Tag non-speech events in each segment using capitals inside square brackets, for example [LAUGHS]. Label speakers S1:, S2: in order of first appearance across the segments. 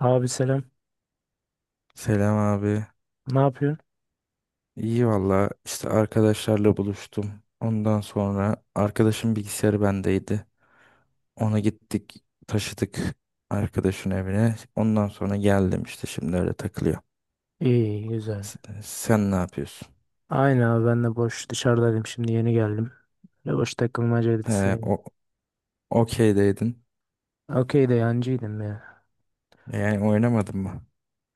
S1: Abi selam.
S2: Selam abi.
S1: Ne yapıyorsun?
S2: İyi valla işte arkadaşlarla buluştum. Ondan sonra arkadaşın bilgisayarı bendeydi. Ona gittik taşıdık arkadaşın evine. Ondan sonra geldim işte şimdi öyle takılıyor.
S1: İyi, güzel.
S2: S- Sen ne yapıyorsun?
S1: Aynı abi ben de boş dışarıdaydım şimdi yeni geldim. Böyle boş takılmacaydı
S2: He,
S1: seninle.
S2: o okeydeydin.
S1: Okey de yancıydım ya.
S2: Yani oynamadın mı?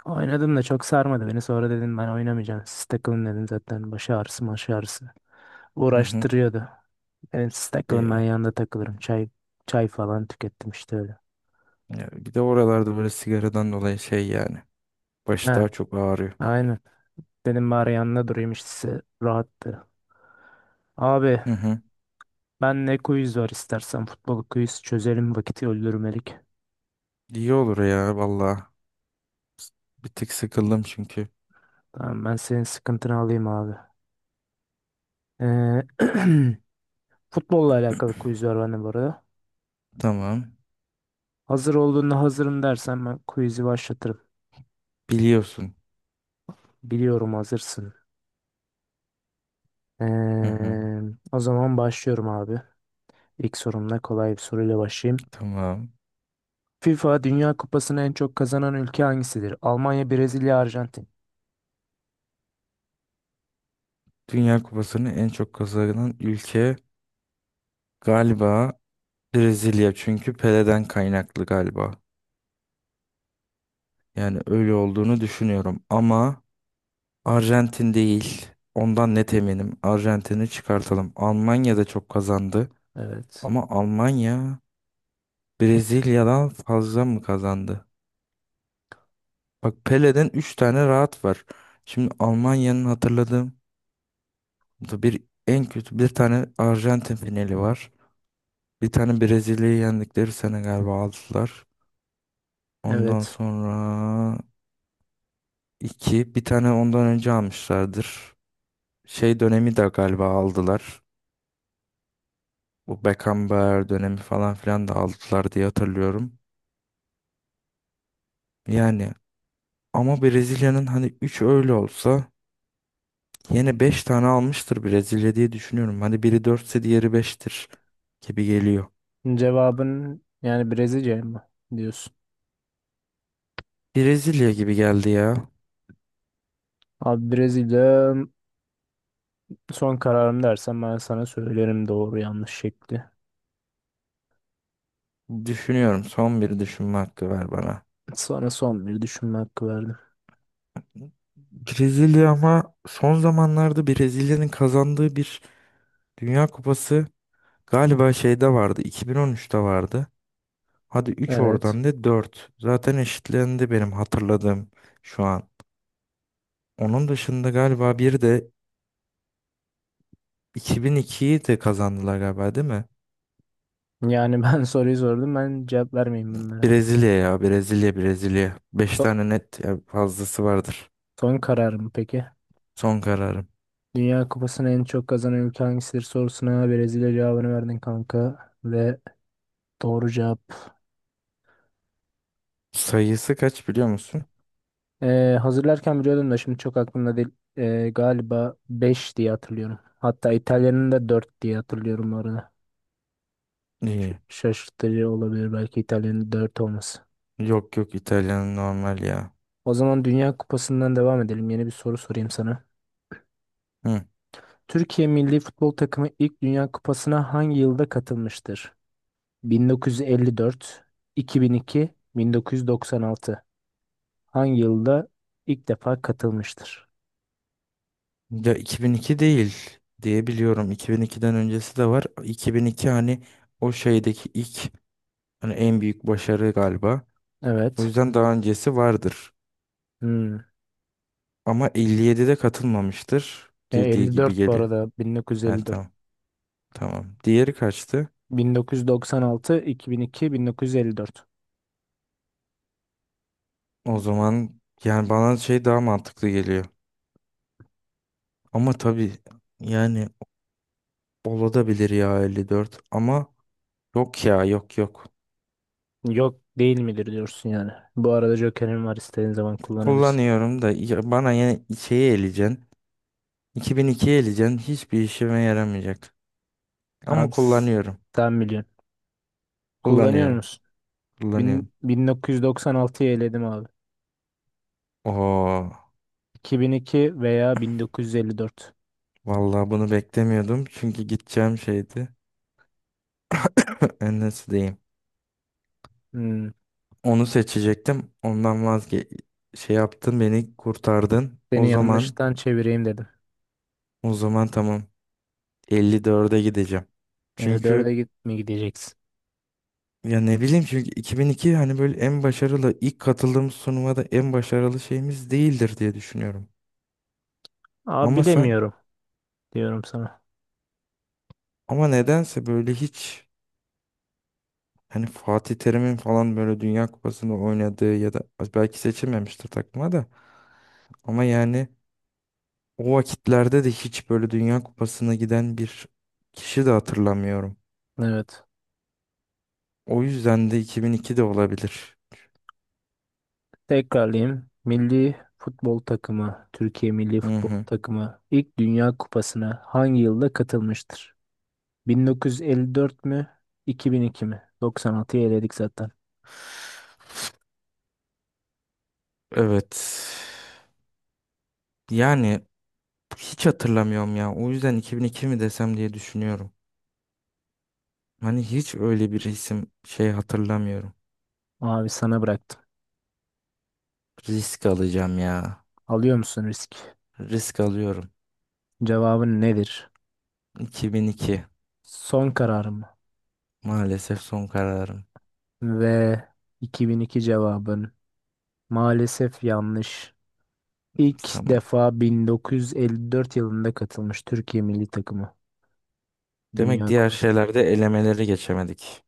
S1: Oynadım da çok sarmadı beni. Sonra dedim ben oynamayacağım. Siz takılın dedim zaten. Baş ağrısı maş ağrısı.
S2: Hı hı.
S1: Uğraştırıyordu. Dedim siz takılın ben
S2: İyi.
S1: yanında takılırım. Çay falan tükettim işte öyle.
S2: Ya bir de oralarda böyle sigaradan dolayı şey yani. Başı
S1: Ha,
S2: daha çok ağrıyor.
S1: aynen. Dedim bari yanında durayım işte size rahattı. Abi
S2: Hı hı.
S1: ben ne quiz var istersen futbol quiz çözelim vakit öldürmelik.
S2: İyi olur ya valla. Bir tık sıkıldım çünkü.
S1: Tamam ben senin sıkıntını alayım abi. Ee, [CLEARS THROAT] futbolla alakalı quiz var bende bu arada.
S2: [CLEARS THROAT] Tamam.
S1: Hazır olduğunda hazırım dersen ben quiz'i başlatırım.
S2: Biliyorsun.
S1: Biliyorum hazırsın.
S2: Hı hı,
S1: Ee, o zaman başlıyorum abi. İlk sorumla kolay bir soruyla başlayayım.
S2: tamam.
S1: FIFA Dünya Kupası'nı en çok kazanan ülke hangisidir? Almanya, Brezilya, Arjantin.
S2: Dünya Kupası'nı en çok kazanan ülke galiba Brezilya. Çünkü Pele'den kaynaklı galiba. Yani öyle olduğunu düşünüyorum. Ama Arjantin değil. Ondan net eminim. Arjantin'i çıkartalım. Almanya da çok kazandı.
S1: Evet.
S2: Ama Almanya Brezilya'dan fazla mı kazandı? Bak Pele'den 3 tane rahat var. Şimdi Almanya'nın hatırladığım bu da bir en kötü bir tane Arjantin finali var. Bir tane Brezilya'yı yendikleri sene galiba aldılar. Ondan
S1: Evet.
S2: sonra iki. Bir tane ondan önce almışlardır. Şey dönemi de galiba aldılar. Bu Beckenbauer dönemi falan filan da aldılar diye hatırlıyorum. Yani ama Brezilya'nın hani 3 öyle olsa yine 5 tane almıştır Brezilya diye düşünüyorum. Hani biri 4'se diğeri beştir gibi geliyor.
S1: Cevabın yani Brezilya mı diyorsun?
S2: Brezilya gibi geldi ya.
S1: Abi Brezilya son kararım dersen ben sana söylerim doğru yanlış şekli.
S2: Düşünüyorum. Son bir düşünme hakkı ver bana.
S1: Sana son bir düşünme hakkı verdim.
S2: Brezilya ama son zamanlarda Brezilya'nın kazandığı bir Dünya Kupası galiba şeyde vardı. 2013'te vardı. Hadi üç
S1: Evet.
S2: oradan da dört. Zaten eşitlendi benim hatırladığım şu an. Onun dışında galiba bir de 2002'yi de kazandılar galiba değil mi?
S1: Yani ben [LAUGHS] soruyu sordum. Ben cevap vermeyeyim bunlara.
S2: Brezilya. Beş
S1: So-
S2: tane net ya fazlası vardır.
S1: Son kararım peki.
S2: Son kararım.
S1: Dünya Kupası'nı en çok kazanan ülke hangisidir sorusuna Brezilya cevabını verdin kanka. Ve doğru cevap.
S2: Sayısı kaç biliyor musun?
S1: Hazırlarken biliyordum da şimdi çok aklımda değil. Galiba 5 diye hatırlıyorum. Hatta İtalya'nın da 4 diye hatırlıyorum bu arada.
S2: İyi.
S1: Şaşırtıcı olabilir belki İtalya'nın 4 olması.
S2: Yok yok İtalyan normal ya.
S1: O zaman Dünya Kupası'ndan devam edelim. Yeni bir soru sorayım sana.
S2: Hı.
S1: Türkiye milli futbol takımı ilk Dünya Kupası'na hangi yılda katılmıştır? 1954, 2002, 1996. Hangi yılda ilk defa katılmıştır?
S2: Ya 2002 değil diye biliyorum. 2002'den öncesi de var. 2002 hani o şeydeki ilk hani en büyük başarı galiba. O
S1: Evet.
S2: yüzden daha öncesi vardır.
S1: Hmm.
S2: Ama 57'de katılmamıştır dediği gibi
S1: 54 bu
S2: geliyor.
S1: arada
S2: He
S1: 1954.
S2: tamam. Tamam. Diğeri kaçtı?
S1: 1996, 2002, 1954.
S2: O zaman yani bana şey daha mantıklı geliyor. Ama tabii yani olabilir ya 54 ama yok ya yok yok.
S1: Yok değil midir diyorsun yani. Bu arada Joker'in var istediğin zaman kullanabilirsin.
S2: Kullanıyorum da ya bana yine şeyi eleyeceksin. 2002 eleyeceksin. Hiçbir işime yaramayacak. Ama
S1: Abi
S2: kullanıyorum.
S1: sen biliyorsun. Kullanıyor
S2: Kullanıyorum.
S1: musun?
S2: Kullanıyorum.
S1: 1996'yı eledim abi.
S2: Oo.
S1: 2002 veya 1954.
S2: Vallahi bunu beklemiyordum. Çünkü gideceğim şeydi. Enes'deyim.
S1: Hmm,
S2: Onu seçecektim. Ondan vazge şey yaptın beni kurtardın. O
S1: seni
S2: zaman
S1: yanlıştan çevireyim dedim.
S2: o zaman tamam. 54'e gideceğim.
S1: 54'e
S2: Çünkü
S1: git mi gideceksin?
S2: ya ne bileyim çünkü 2002 hani böyle en başarılı ilk katıldığımız sunuma da en başarılı şeyimiz değildir diye düşünüyorum.
S1: Abi
S2: Ama sen
S1: bilemiyorum diyorum sana.
S2: ama nedense böyle hiç hani Fatih Terim'in falan böyle Dünya Kupası'nda oynadığı ya da belki seçilmemiştir takıma da ama yani o vakitlerde de hiç böyle Dünya Kupası'na giden bir kişi de hatırlamıyorum.
S1: Evet.
S2: O yüzden de 2002 de olabilir.
S1: Tekrarlayayım. Milli futbol takımı, Türkiye Milli
S2: Hı
S1: Futbol
S2: hı.
S1: Takımı ilk Dünya Kupası'na hangi yılda katılmıştır? 1954 mü? 2002 mi? 96'yı eledik zaten.
S2: Evet. Yani hiç hatırlamıyorum ya. O yüzden 2002 mi desem diye düşünüyorum. Hani hiç öyle bir isim şey hatırlamıyorum.
S1: Abi sana bıraktım.
S2: Risk alacağım ya.
S1: Alıyor musun risk?
S2: Risk alıyorum.
S1: Cevabın nedir?
S2: 2002.
S1: Son kararım mı?
S2: Maalesef son kararım.
S1: Ve 2002 cevabın maalesef yanlış. İlk
S2: Tamam.
S1: defa 1954 yılında katılmış Türkiye milli takımı
S2: Demek
S1: Dünya
S2: diğer
S1: Kupası.
S2: şeylerde elemeleri geçemedik.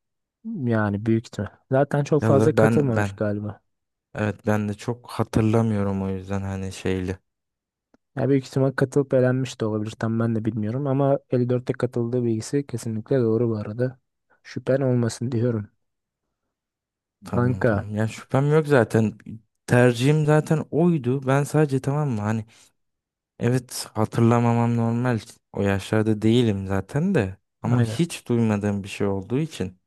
S1: Yani büyük ihtimal. Zaten çok
S2: Ya
S1: fazla
S2: da ben
S1: katılmamış
S2: ben
S1: galiba.
S2: evet ben de çok hatırlamıyorum o yüzden hani şeyli.
S1: Ya büyük ihtimal katılıp elenmiş de olabilir. Tam ben de bilmiyorum ama 54'te katıldığı bilgisi kesinlikle doğru bu arada. Şüphen olmasın diyorum.
S2: Tamam
S1: Kanka.
S2: tamam. Ya şüphem yok zaten. Tercihim zaten oydu. Ben sadece tamam mı hani evet hatırlamamam normal. O yaşlarda değilim zaten de. Ama
S1: Aynen.
S2: hiç duymadığım bir şey olduğu için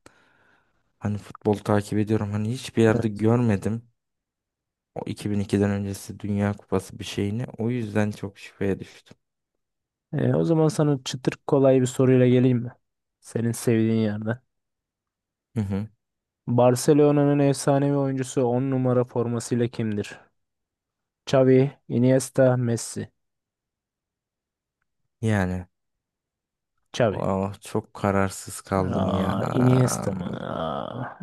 S2: hani futbol takip ediyorum. Hani hiçbir yerde
S1: Evet.
S2: görmedim. O 2002'den öncesi Dünya Kupası bir şeyini. O yüzden çok şüpheye düştüm.
S1: O zaman sana çıtır kolay bir soruyla geleyim mi? Senin sevdiğin yerden.
S2: Hı hı.
S1: Barcelona'nın efsanevi oyuncusu 10 numara formasıyla kimdir? Xavi, Iniesta, Messi.
S2: Yani
S1: Xavi.
S2: oh, çok kararsız kaldım ya.
S1: Aa, Iniesta mı? Aa,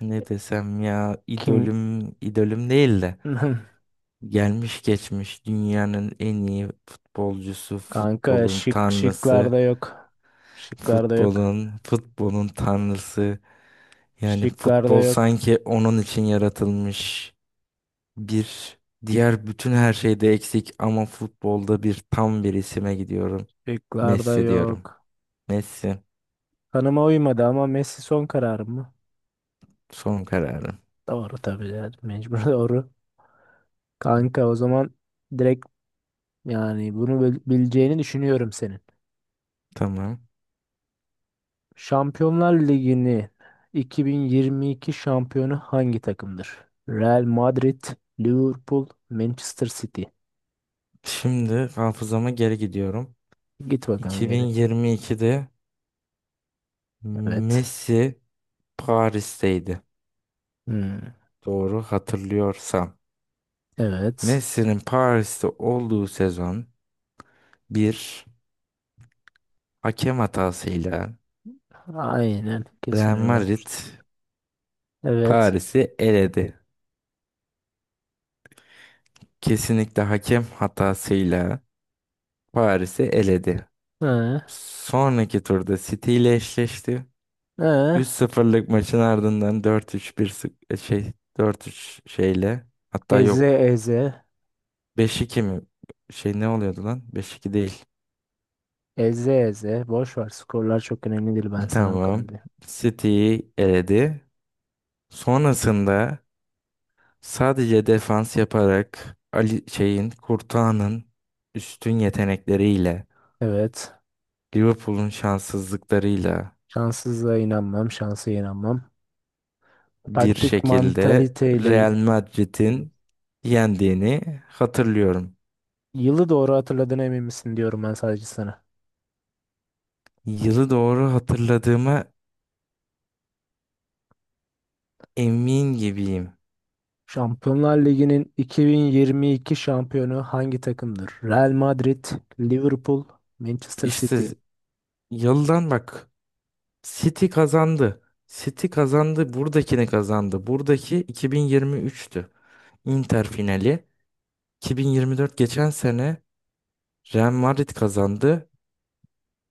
S2: Ne desem ya
S1: kim?
S2: idolüm idolüm değil de
S1: [LAUGHS]
S2: gelmiş geçmiş dünyanın en iyi futbolcusu,
S1: Kanka
S2: futbolun
S1: şık
S2: tanrısı,
S1: şıklarda yok. Şıklarda yok.
S2: futbolun tanrısı. Yani
S1: Şıklarda
S2: futbol
S1: yok.
S2: sanki onun için yaratılmış bir diğer bütün her şeyde eksik ama futbolda bir tam bir isime gidiyorum.
S1: Şıklarda
S2: Messi diyorum.
S1: yok.
S2: Messi
S1: Kanıma uymadı ama Messi son kararım mı?
S2: son kararım.
S1: Doğru tabii yani mecbur [LAUGHS] doğru. Kanka o zaman direkt yani bunu bileceğini düşünüyorum senin.
S2: Tamam.
S1: Şampiyonlar Ligi'nin 2022 şampiyonu hangi takımdır? Real Madrid, Liverpool, Manchester City.
S2: Şimdi hafızama geri gidiyorum.
S1: Git bakalım geri.
S2: 2022'de
S1: Evet.
S2: Messi Paris'teydi.
S1: Hmm.
S2: Doğru hatırlıyorsam.
S1: Evet.
S2: Messi'nin Paris'te olduğu sezon bir hakem hatasıyla
S1: Aynen. Kesin
S2: Real
S1: öyle
S2: Madrid
S1: yapmıştır. Evet.
S2: Paris'i eledi. Kesinlikle hakem hatasıyla Paris'i eledi.
S1: Hı.
S2: Sonraki turda City ile eşleşti.
S1: Hı.
S2: 3-0'lık maçın ardından 4-3 bir şey 4-3 şeyle hatta
S1: Eze
S2: yok
S1: eze.
S2: 5-2 mi? Şey ne oluyordu lan? 5-2 değil.
S1: Eze eze. Boş ver. Skorlar çok önemli değil. Ben
S2: [LAUGHS]
S1: sana o
S2: Tamam.
S1: kadar diyeyim.
S2: City'yi eledi. Sonrasında sadece defans yaparak Ali şeyin Courtois'ın üstün yetenekleriyle
S1: Evet.
S2: Liverpool'un şanssızlıklarıyla
S1: Şanssızlığa inanmam. Şansa inanmam.
S2: bir
S1: Taktik
S2: şekilde
S1: mantaliteyle
S2: Real Madrid'in yendiğini hatırlıyorum.
S1: yılı doğru hatırladığına emin misin diyorum ben sadece sana.
S2: Yılı doğru hatırladığıma emin gibiyim.
S1: Şampiyonlar Ligi'nin 2022 şampiyonu hangi takımdır? Real Madrid, Liverpool, Manchester
S2: İşte
S1: City.
S2: yıldan bak City kazandı. City kazandı. Buradakini kazandı. Buradaki 2023'tü. Inter finali. 2024 geçen sene Real Madrid kazandı.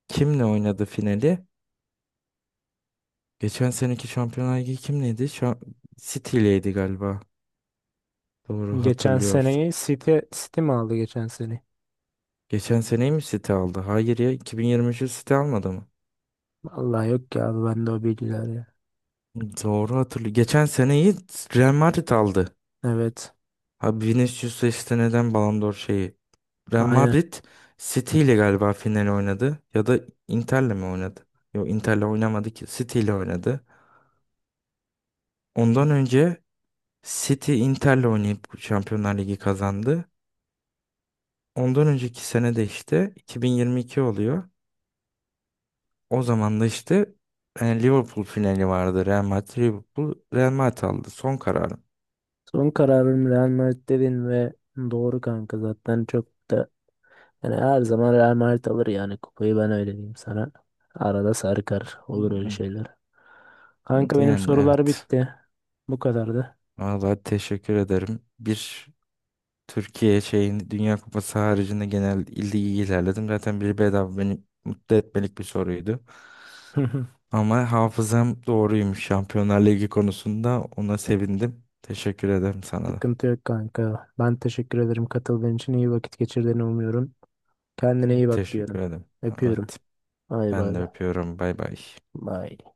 S2: Kimle oynadı finali? Geçen seneki Şampiyonlar Ligi kimleydi? Şu City galiba. Doğru
S1: Geçen
S2: hatırlıyorsam.
S1: seneyi City, City mi aldı geçen sene?
S2: Geçen seneyi mi City aldı? Hayır ya 2023'ü City almadı mı?
S1: Vallahi yok ya abi bende o bilgiler ya.
S2: Doğru hatırlıyorum. Geçen seneyi Real Madrid aldı.
S1: Evet.
S2: Abi Vinicius'a işte neden Ballon d'Or şeyi? Real
S1: Aynen.
S2: Madrid City ile galiba final oynadı. Ya da Inter'le mi oynadı? Yok Inter'le oynamadı ki. City ile oynadı. Ondan önce City Inter'le oynayıp Şampiyonlar Ligi kazandı. Ondan önceki sene de işte 2022 oluyor. O zaman da işte Liverpool finali vardı. Real Madrid Liverpool Real Madrid aldı. Son kararım.
S1: Son kararım Real Madrid dedin ve doğru kanka zaten çok da yani her zaman Real Madrid alır yani kupayı ben öyle diyeyim sana. Arada sarkar
S2: Hı
S1: olur öyle
S2: hı.
S1: şeyler. Kanka benim
S2: Yani
S1: sorular
S2: evet.
S1: bitti. Bu kadardı.
S2: Vallahi teşekkür ederim. Bir Türkiye şeyin Dünya Kupası haricinde genel ilde iyi ilerledim. Zaten bir bedava beni mutlu etmelik bir soruydu.
S1: [LAUGHS]
S2: Ama hafızam doğruymuş Şampiyonlar Ligi konusunda. Ona sevindim. Teşekkür ederim sana da.
S1: Sıkıntı yok kanka. Ben teşekkür ederim katıldığın için. İyi vakit geçirdiğini umuyorum. Kendine iyi bak
S2: Teşekkür
S1: diyorum.
S2: ederim.
S1: Öpüyorum.
S2: Evet.
S1: Bay
S2: Ben
S1: bay
S2: de
S1: bay.
S2: öpüyorum. Bay bay.
S1: Bay.